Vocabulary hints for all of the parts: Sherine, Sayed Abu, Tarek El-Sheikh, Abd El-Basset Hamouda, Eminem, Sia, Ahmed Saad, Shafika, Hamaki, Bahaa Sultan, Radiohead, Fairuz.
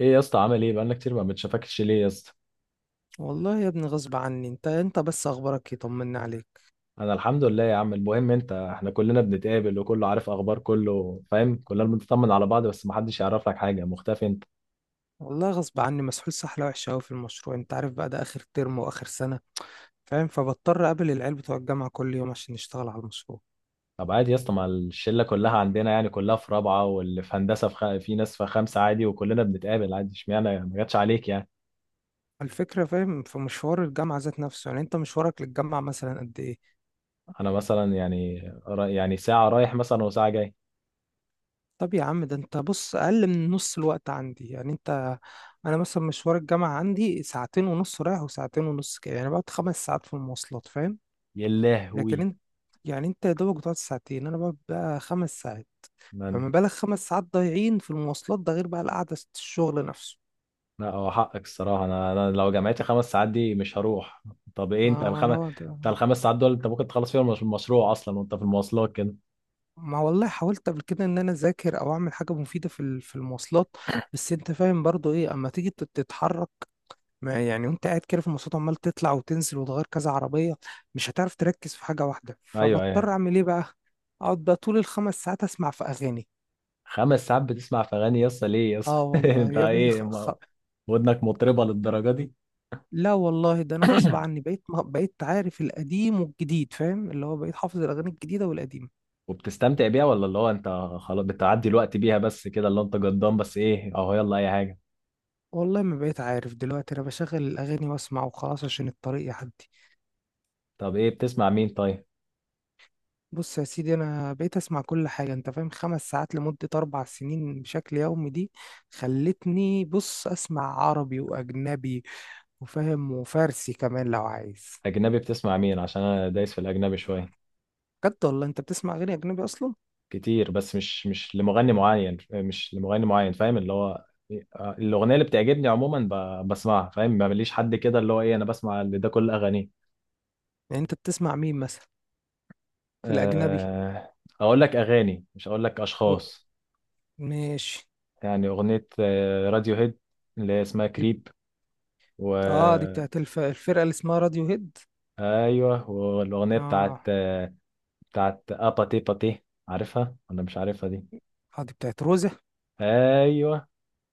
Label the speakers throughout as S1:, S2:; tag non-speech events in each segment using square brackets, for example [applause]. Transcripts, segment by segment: S1: ايه يا اسطى، عامل ايه؟ بقالنا كتير ما بنشافكش، ليه يا اسطى؟
S2: والله يا ابني غصب عني. انت بس اخبارك ايه؟ طمنا عليك.
S1: انا الحمد لله يا عم. المهم انت، احنا كلنا بنتقابل وكله عارف اخبار، كله فاهم، كلنا بنطمن على بعض، بس ما حدش يعرف لك حاجه، مختفي انت؟
S2: والله غصب عني، مسحول سحله وحشه قوي في المشروع. انت عارف بقى ده اخر ترم واخر سنه، فاهم؟ فبضطر اقابل العيال بتوع الجامعه كل يوم عشان نشتغل على المشروع.
S1: طب عادي يا اسطى، ما الشله كلها عندنا، يعني كلها في رابعه، واللي في هندسه في، في ناس في خمسه عادي، وكلنا بنتقابل عادي، اشمعنى يعني؟ ما جاتش عليك يعني.
S2: الفكره فاهم في مشوار الجامعه ذات نفسه. يعني انت مشوارك للجامعه مثلا قد ايه؟
S1: انا مثلا يعني، يعني ساعه رايح مثلا وساعه جاي.
S2: طب يا عم ده انت بص اقل من نص الوقت عندي، يعني انت. انا مثلا مشوار الجامعه عندي ساعتين ونص رايح وساعتين ونص، كده يعني بقعد 5 ساعات في المواصلات، فاهم؟
S1: يا
S2: لكن
S1: لهوي!
S2: انت، يعني انت يا دوبك بتقعد ساعتين، انا بقعد بقى 5 ساعات. فما بالك 5 ساعات ضايعين في المواصلات، ده غير بقى القعدة في الشغل نفسه.
S1: لا هو حقك الصراحة. أنا لو جامعتي خمس ساعات دي مش هروح. طب إيه؟ أنت
S2: ما
S1: الخمس...
S2: انا ده.
S1: أنت الخمس ساعات دول، أنت ممكن تخلص فيهم المشروع أصلا وأنت في المواصلات كده.
S2: ما والله حاولت قبل كده ان انا اذاكر او اعمل حاجه مفيده في المواصلات. بس انت فاهم برضو ايه اما تيجي تتحرك. ما يعني وانت قاعد كده في المواصلات، عمال تطلع وتنزل وتغير كذا عربيه. مش هتعرف تركز في حاجه واحده،
S1: أيوه،
S2: فبضطر
S1: أيوه.
S2: اعمل ايه بقى؟ اقعد بقى طول الخمس ساعات اسمع في اغاني.
S1: خمس ساعات بتسمع في أغاني؟ يس ليه يس؟
S2: اه
S1: [laughs]
S2: والله
S1: أنت
S2: يا ابني
S1: إيه
S2: خ... خ...
S1: ودنك مطربة للدرجة دي؟
S2: لا والله، ده انا غصب عني. بقيت عارف القديم والجديد، فاهم؟ اللي هو بقيت حافظ الاغاني الجديده والقديمه.
S1: وبتستمتع بيها ولا اللي هو أنت خلاص بتعدي الوقت بيها بس كده؟ اللي هو أنت جدام بس إيه أهو يلا أي حاجة.
S2: والله ما بقيت عارف دلوقتي، انا بشغل الاغاني واسمع وخلاص عشان الطريق يعدي.
S1: طب إيه بتسمع مين طيب؟
S2: بص يا سيدي، انا بقيت اسمع كل حاجه. انت فاهم 5 ساعات لمده 4 سنين بشكل يومي، دي خلتني بص اسمع عربي واجنبي وفاهم وفارسي كمان لو عايز.
S1: أجنبي بتسمع مين؟ عشان أنا دايس في الأجنبي شوية.
S2: بجد والله انت بتسمع اغاني اجنبي اصلا؟
S1: كتير، بس مش لمغني معين، مش لمغني معين، فاهم اللي هو... الاغنيه اللي بتعجبني عموما بسمعها، فاهم ما ماليش حد كده اللي هو ايه، انا بسمع اللي ده كل اغانيه.
S2: يعني انت بتسمع مين مثلا في الاجنبي؟
S1: آه، اقول لك اغاني مش اقول لك
S2: و...
S1: اشخاص.
S2: ماشي.
S1: يعني اغنيه راديو هيد، اللي هي اسمها
S2: دي بت...
S1: كريب. و...
S2: اه، دي بتاعت الفرقه اللي اسمها راديو هيد.
S1: ايوه، والاغنيه بتاعت
S2: اه.
S1: بتاعت اباتي باتي، عارفها ولا مش عارفها دي؟
S2: اه، دي بتاعت روزة.
S1: ايوه.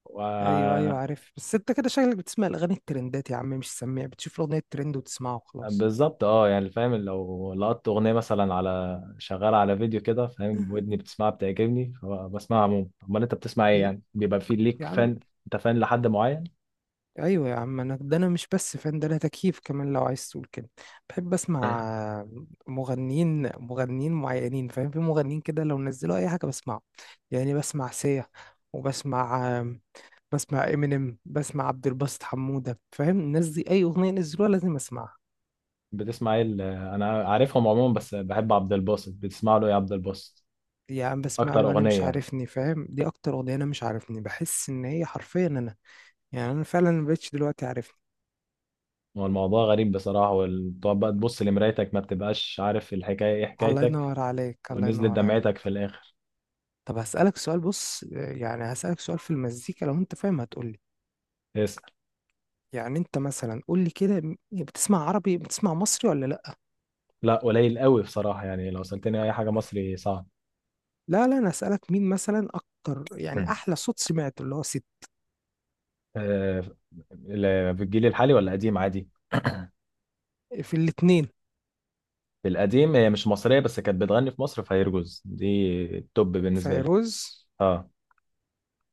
S1: و...
S2: ايوه ايوه عارف، بس انت كده شكلك بتسمع الاغاني الترندات يا عم، مش سميع. بتشوف الاغنيه ترند وتسمعها وخلاص.
S1: بالظبط اه، يعني فاهم لو لقطت اغنيه مثلا على شغاله على فيديو كده، فاهم ودني بتسمعها بتعجبني فبسمعها عموما. امال انت بتسمع ايه؟
S2: ل-
S1: يعني بيبقى في ليك
S2: يا عم.
S1: فان؟ انت فان لحد معين؟
S2: ايوه يا عم، انا ده انا مش بس فان، ده انا تكييف كمان لو عايز تقول كده. بحب اسمع مغنيين معينين، فاهم؟ في مغنيين كده لو نزلوا اي حاجه بسمعه. يعني بسمع سيا، وبسمع امينيم، بسمع عبد الباسط حموده، فاهم؟ الناس دي اي اغنيه نزلوها لازم اسمعها.
S1: بتسمع ايه انا عارفهم عموما، بس بحب عبد الباسط، بتسمع له ايه عبد الباسط؟
S2: يا عم بسمع
S1: اكتر
S2: له انا مش
S1: اغنيه يعني؟
S2: عارفني، فاهم؟ دي اكتر اغنيه، انا مش عارفني بحس ان هي حرفيا انا. يعني انا فعلا مبقتش دلوقتي عارفني.
S1: هو الموضوع غريب بصراحه، وتقعد بقى تبص لمرايتك ما بتبقاش عارف الحكايه ايه
S2: الله
S1: حكايتك.
S2: ينور عليك الله
S1: ونزلت
S2: ينور
S1: دمعتك
S2: عليك.
S1: في الاخر.
S2: طب هسألك سؤال، بص يعني هسألك سؤال في المزيكا لو انت فاهم هتقولي.
S1: اسال.
S2: يعني انت مثلا قولي كده بتسمع عربي، بتسمع مصري ولا لا؟
S1: لا قليل قوي بصراحه، يعني لو سالتني اي حاجه مصري صعب.
S2: لا لا، انا هسألك مين مثلا اكتر، يعني احلى صوت سمعته اللي هو ست؟
S1: آه، في الجيل الحالي ولا قديم عادي؟
S2: في الاتنين.
S1: في القديم، هي مش مصرية بس كانت بتغني في مصر، فيرجوز دي. التوب بالنسبة لي.
S2: فيروز.
S1: اه.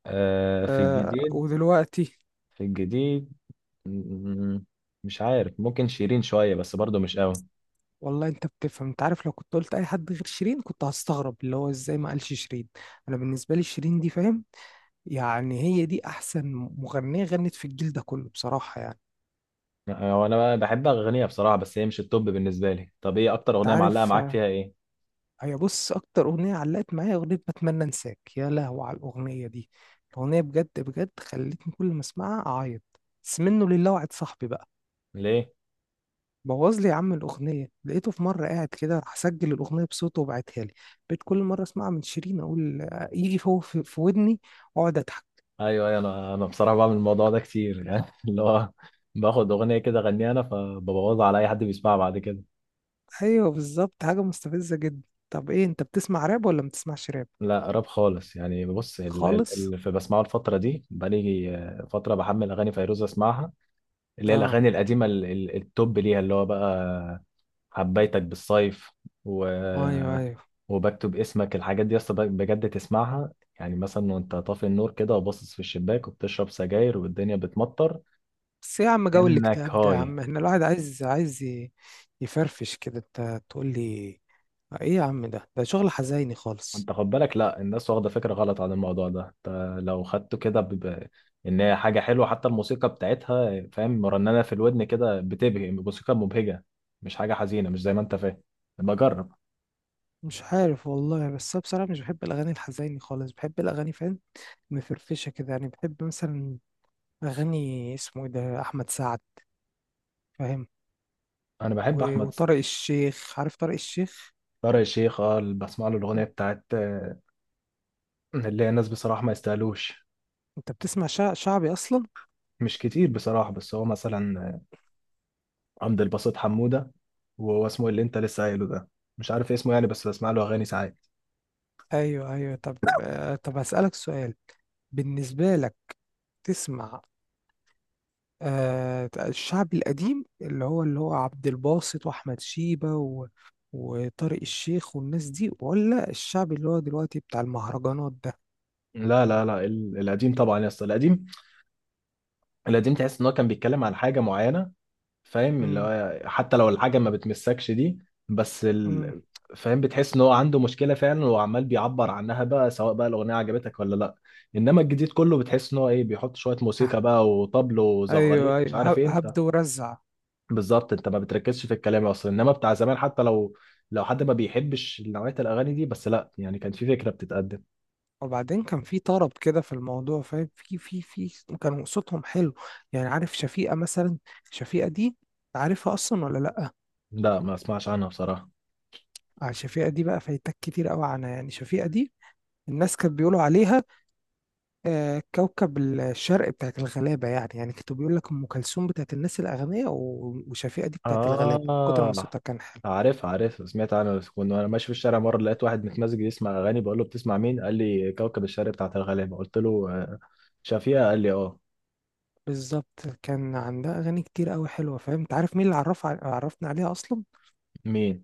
S1: في
S2: آه
S1: الجديد.
S2: ودلوقتي؟
S1: في الجديد... م- مش عارف، ممكن شيرين شوية بس برضو مش قوي.
S2: والله انت بتفهم. انت عارف لو كنت قلت اي حد غير شيرين كنت هستغرب اللي هو ازاي ما قالش شيرين. انا بالنسبة لي شيرين دي، فاهم؟ يعني هي دي احسن مغنيه غنت في الجيل ده كله بصراحه يعني.
S1: هو انا بحب اغنيها بصراحة بس هي مش التوب بالنسبة لي. طب ايه اكتر
S2: انت
S1: اغنية معلقة
S2: عارف
S1: معاك
S2: آه،
S1: فيها ايه؟
S2: هي بص اكتر اغنيه علقت معايا اغنيه بتمنى انساك. يا لهوي على الاغنيه دي، الاغنيه بجد بجد خلتني كل ما اسمعها اعيط. بس منه لله وعد صاحبي بقى،
S1: ليه؟
S2: بوظ لي يا عم الاغنيه. لقيته في مره قاعد كده راح سجل الاغنيه بصوته وبعتها لي. بقيت كل مره اسمعها من شيرين اقول آه، يجي فوق في ودني، واقعد اضحك.
S1: ايوه، ايوه. انا بصراحة بعمل الموضوع ده كتير [laughs] يعني اللي هو باخد اغنية كده اغنيها انا، فببوظها على اي حد بيسمعها بعد كده.
S2: ايوه بالظبط، حاجه مستفزه جدا. طب ايه، انت بتسمع راب ولا ما بتسمعش راب
S1: لا راب خالص، يعني بص
S2: خالص؟
S1: اللي في بسمعه الفترة دي بقالي فترة بحمل أغاني فيروز أسمعها. اللي هي
S2: اه.
S1: الأغاني القديمة التوب ليها اللي هو بقى حبيتك بالصيف. و...
S2: ايوه ايوه.
S1: وبكتب اسمك، الحاجات دي أصلا بجد تسمعها. يعني مثلا وأنت طافي النور كده وباصص في الشباك وبتشرب سجاير والدنيا بتمطر.
S2: بس إيه يا عم جو
S1: إنك
S2: الاكتئاب ده، يا
S1: هاي...
S2: عم احنا الواحد عايز يفرفش كده. انت تقول لي ايه يا عم، ده شغل حزيني خالص؟
S1: انت خد بالك، لا الناس واخده فكره غلط عن الموضوع ده. انت لو خدته كده ان هي حاجه حلوه، حتى الموسيقى بتاعتها فاهم مرنمه في الودن كده، بتبهي، موسيقى مبهجه. مش حاجه حزينه، مش زي ما انت فاهم. بجرب.
S2: مش عارف والله، بس أنا بصراحة مش بحب الأغاني الحزيني خالص، بحب الأغاني، فاهم؟ مفرفشة كده. يعني بحب مثلا أغاني اسمه ايه ده أحمد سعد، فاهم؟
S1: انا
S2: و-
S1: بحب احمد.
S2: وطارق الشيخ، عارف طارق الشيخ؟
S1: طارق الشيخ اه، اللي بسمع له الاغنيه
S2: انت
S1: بتاعت اللي هي الناس بصراحه ما يستاهلوش.
S2: أنت بتسمع شعبي أصلا؟
S1: مش كتير بصراحه، بس هو مثلا عبد الباسط حموده، وهو اسمه اللي انت لسه قايله ده، مش عارف اسمه يعني، بس بسمع له اغاني ساعات.
S2: أيوه أيوه، طب آه، طب هسألك سؤال بالنسبة لك. تسمع آه، الشعب القديم اللي هو عبد الباسط واحمد شيبة وطارق الشيخ والناس دي، ولا الشعب اللي هو دلوقتي بتاع المهرجانات ده؟
S1: لا، لا، لا، القديم طبعا يا اسطى، القديم. القديم تحس ان هو كان بيتكلم عن حاجه معينه، فاهم اللي
S2: مم.
S1: هو حتى لو الحاجه ما بتمسكش دي. بس
S2: مم.
S1: فاهم بتحس ان هو عنده مشكله فعلا، وعمال بيعبر عنها بقى، سواء بقى الاغنيه عجبتك ولا لا. انما الجديد كله بتحس ان هو ايه، بيحط شويه
S2: آه،
S1: موسيقى بقى وطبل
S2: ايوه
S1: وزغاريت مش
S2: ايوه،
S1: عارف
S2: هب-
S1: ايه انت.
S2: هبد ورزع.
S1: بالظبط، انت ما بتركزش في الكلام اصلا، انما بتاع زمان حتى لو، لو حد ما بيحبش نوعيه الاغاني دي بس، لا يعني، كان في فكره بتتقدم.
S2: وبعدين كان في طرب كده في الموضوع، فاهم؟ في في في كانوا صوتهم حلو. يعني عارف شفيقة مثلا، شفيقة دي عارفها اصلا ولا لا؟
S1: لا، ما اسمعش عنها بصراحه.
S2: آه، شفيقة دي بقى فايتك كتير قوي عنها. يعني شفيقة دي الناس كانت بيقولوا عليها آه، كوكب الشرق بتاعت الغلابة. يعني يعني كانوا بيقول لك أم كلثوم بتاعت الناس الأغنياء وشفيقة دي بتاعت الغلابة من كتر ما
S1: آه
S2: صوتها كان حلو.
S1: عارف، عارف، سمعت عنه. بس كنت وانا ماشي في الشارع مرة لقيت واحد متمزج يسمع أغاني، بقول له بتسمع مين؟ قال لي كوكب الشارع بتاعت الغلابة، قلت له شفيقة، قال لي اه.
S2: بالظبط، كان عندها أغاني كتير أوي حلوة، فاهم؟ أنت عارف مين اللي عرفنا عليها أصلا؟
S1: مين؟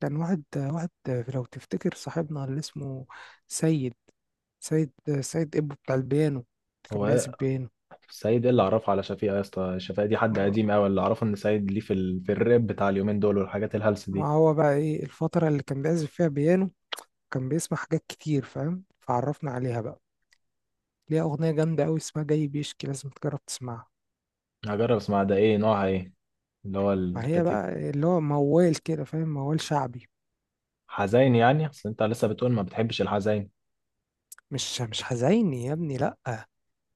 S2: كان واحد لو تفتكر صاحبنا اللي اسمه سيد سيد سيد إبو بتاع البيانو، كان
S1: هو
S2: بيعزف
S1: إيه؟
S2: بيانو.
S1: سعيد ايه اللي عرفه على شفيقة يا اسطى؟ شفيقة دي حد قديم أوي. اللي أعرفه إن سعيد ليه في، في الراب بتاع اليومين دول والحاجات الهلس
S2: ما
S1: دي.
S2: هو بقى إيه الفترة اللي كان بيعزف فيها بيانو، كان بيسمع حاجات كتير، فاهم؟ فعرفنا عليها بقى. ليها أغنية جامدة أوي اسمها جاي بيشكي، لازم تجرب تسمعها.
S1: هجرب اسمع، ده ايه نوعها ايه؟ اللي هو
S2: فهي
S1: الكاتيجوري.
S2: بقى اللي هو موال كده، فاهم؟ موال شعبي.
S1: حزين يعني؟ أصل أنت لسه بتقول ما بتحبش الحزين.
S2: مش حزيني يا ابني، لأ.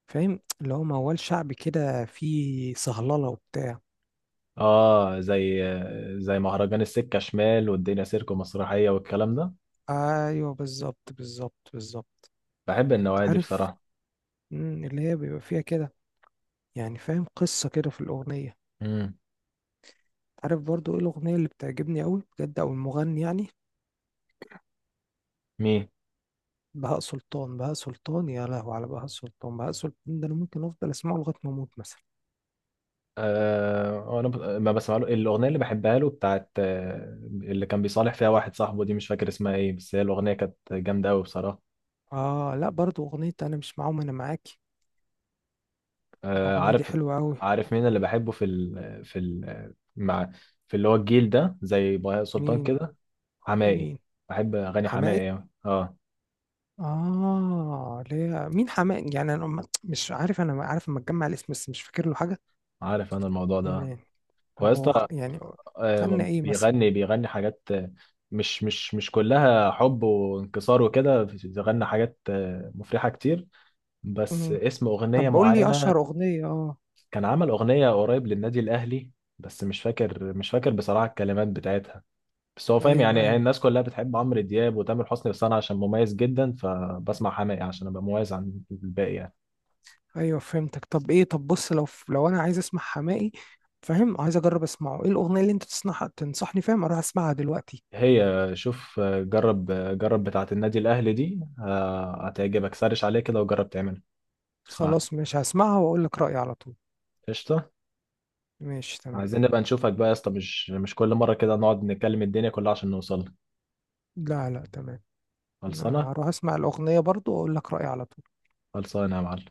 S2: فاهم اللي هو موال شعبي كده فيه صهللة وبتاع.
S1: اه زي زي مهرجان السكة شمال والدنيا سيرك ومسرحية والكلام ده.
S2: أيوه بالظبط بالظبط بالظبط.
S1: بحب النوعية
S2: أنت
S1: دي
S2: عارف
S1: بصراحة.
S2: اللي هي بيبقى فيها كده. يعني فاهم قصة كده في الأغنية.
S1: امم.
S2: أنت عارف برضو إيه الأغنية اللي بتعجبني أوي بجد أو المغني يعني؟
S1: مين؟
S2: بهاء سلطان بهاء سلطان. يا لهو على بهاء سلطان، بهاء سلطان ده أنا ممكن أفضل أسمعه لغاية ما أموت مثلا.
S1: آه، انا ما بسمع له الاغنيه اللي بحبها له بتاعت اللي كان بيصالح فيها واحد صاحبه، دي مش فاكر اسمها ايه بس هي الاغنيه كانت جامده قوي بصراحه.
S2: اه لا، برضو اغنية انا مش معاهم انا معاكي،
S1: آه،
S2: الاغنية دي
S1: عارف.
S2: حلوة اوي.
S1: عارف مين اللي بحبه في في ال... مع في اللي هو الجيل ده زي بهاء سلطان
S2: مين
S1: كده؟ حماقي.
S2: مين
S1: بحب اغاني
S2: حماقي؟
S1: حماقي أوي. اه.
S2: اه ليه، مين حماقي يعني؟ انا مش عارف، انا عارف اما اتجمع الاسم بس مش فاكر له حاجة.
S1: عارف انا الموضوع ده.
S2: يعني
S1: هو يا
S2: طب هو
S1: اسطى
S2: يعني غنى ايه مثلا؟
S1: بيغني حاجات مش كلها حب وانكسار وكده، بيغني حاجات مفرحة كتير. بس
S2: مم.
S1: اسم أغنية
S2: طب قول لي
S1: معينة...
S2: اشهر اغنية اه.
S1: كان عمل أغنية قريب للنادي الأهلي، بس مش فاكر بصراحة الكلمات بتاعتها. بس هو فاهم يعني،
S2: ايوه
S1: هي
S2: ايوه
S1: الناس كلها بتحب عمرو دياب وتامر حسني، بس أنا عشان مميز جدا فبسمع حماقي عشان أبقى مميز عن الباقي يعني.
S2: ايوه فهمتك. طب ايه، طب بص لو انا عايز اسمع حماقي، فاهم؟ عايز اجرب اسمعه. ايه الاغنية اللي انت تسمعها تنصحني فاهم اروح اسمعها دلوقتي؟
S1: هي شوف، جرب بتاعة النادي الأهلي دي، هتعجبك. سرش عليه كده وجرب تعملها. اسمعها.
S2: خلاص، مش هسمعها واقول لك رأيي على طول.
S1: قشطة.
S2: ماشي تمام.
S1: عايزين نبقى نشوفك بقى يا اسطى، مش كل مرة كده نقعد نتكلم الدنيا كلها عشان نوصل.
S2: لا لا تمام. انا
S1: خلصانة.
S2: هروح اسمع الاغنيه برضو واقول لك رايي على طول.
S1: خلصانة يا معلم.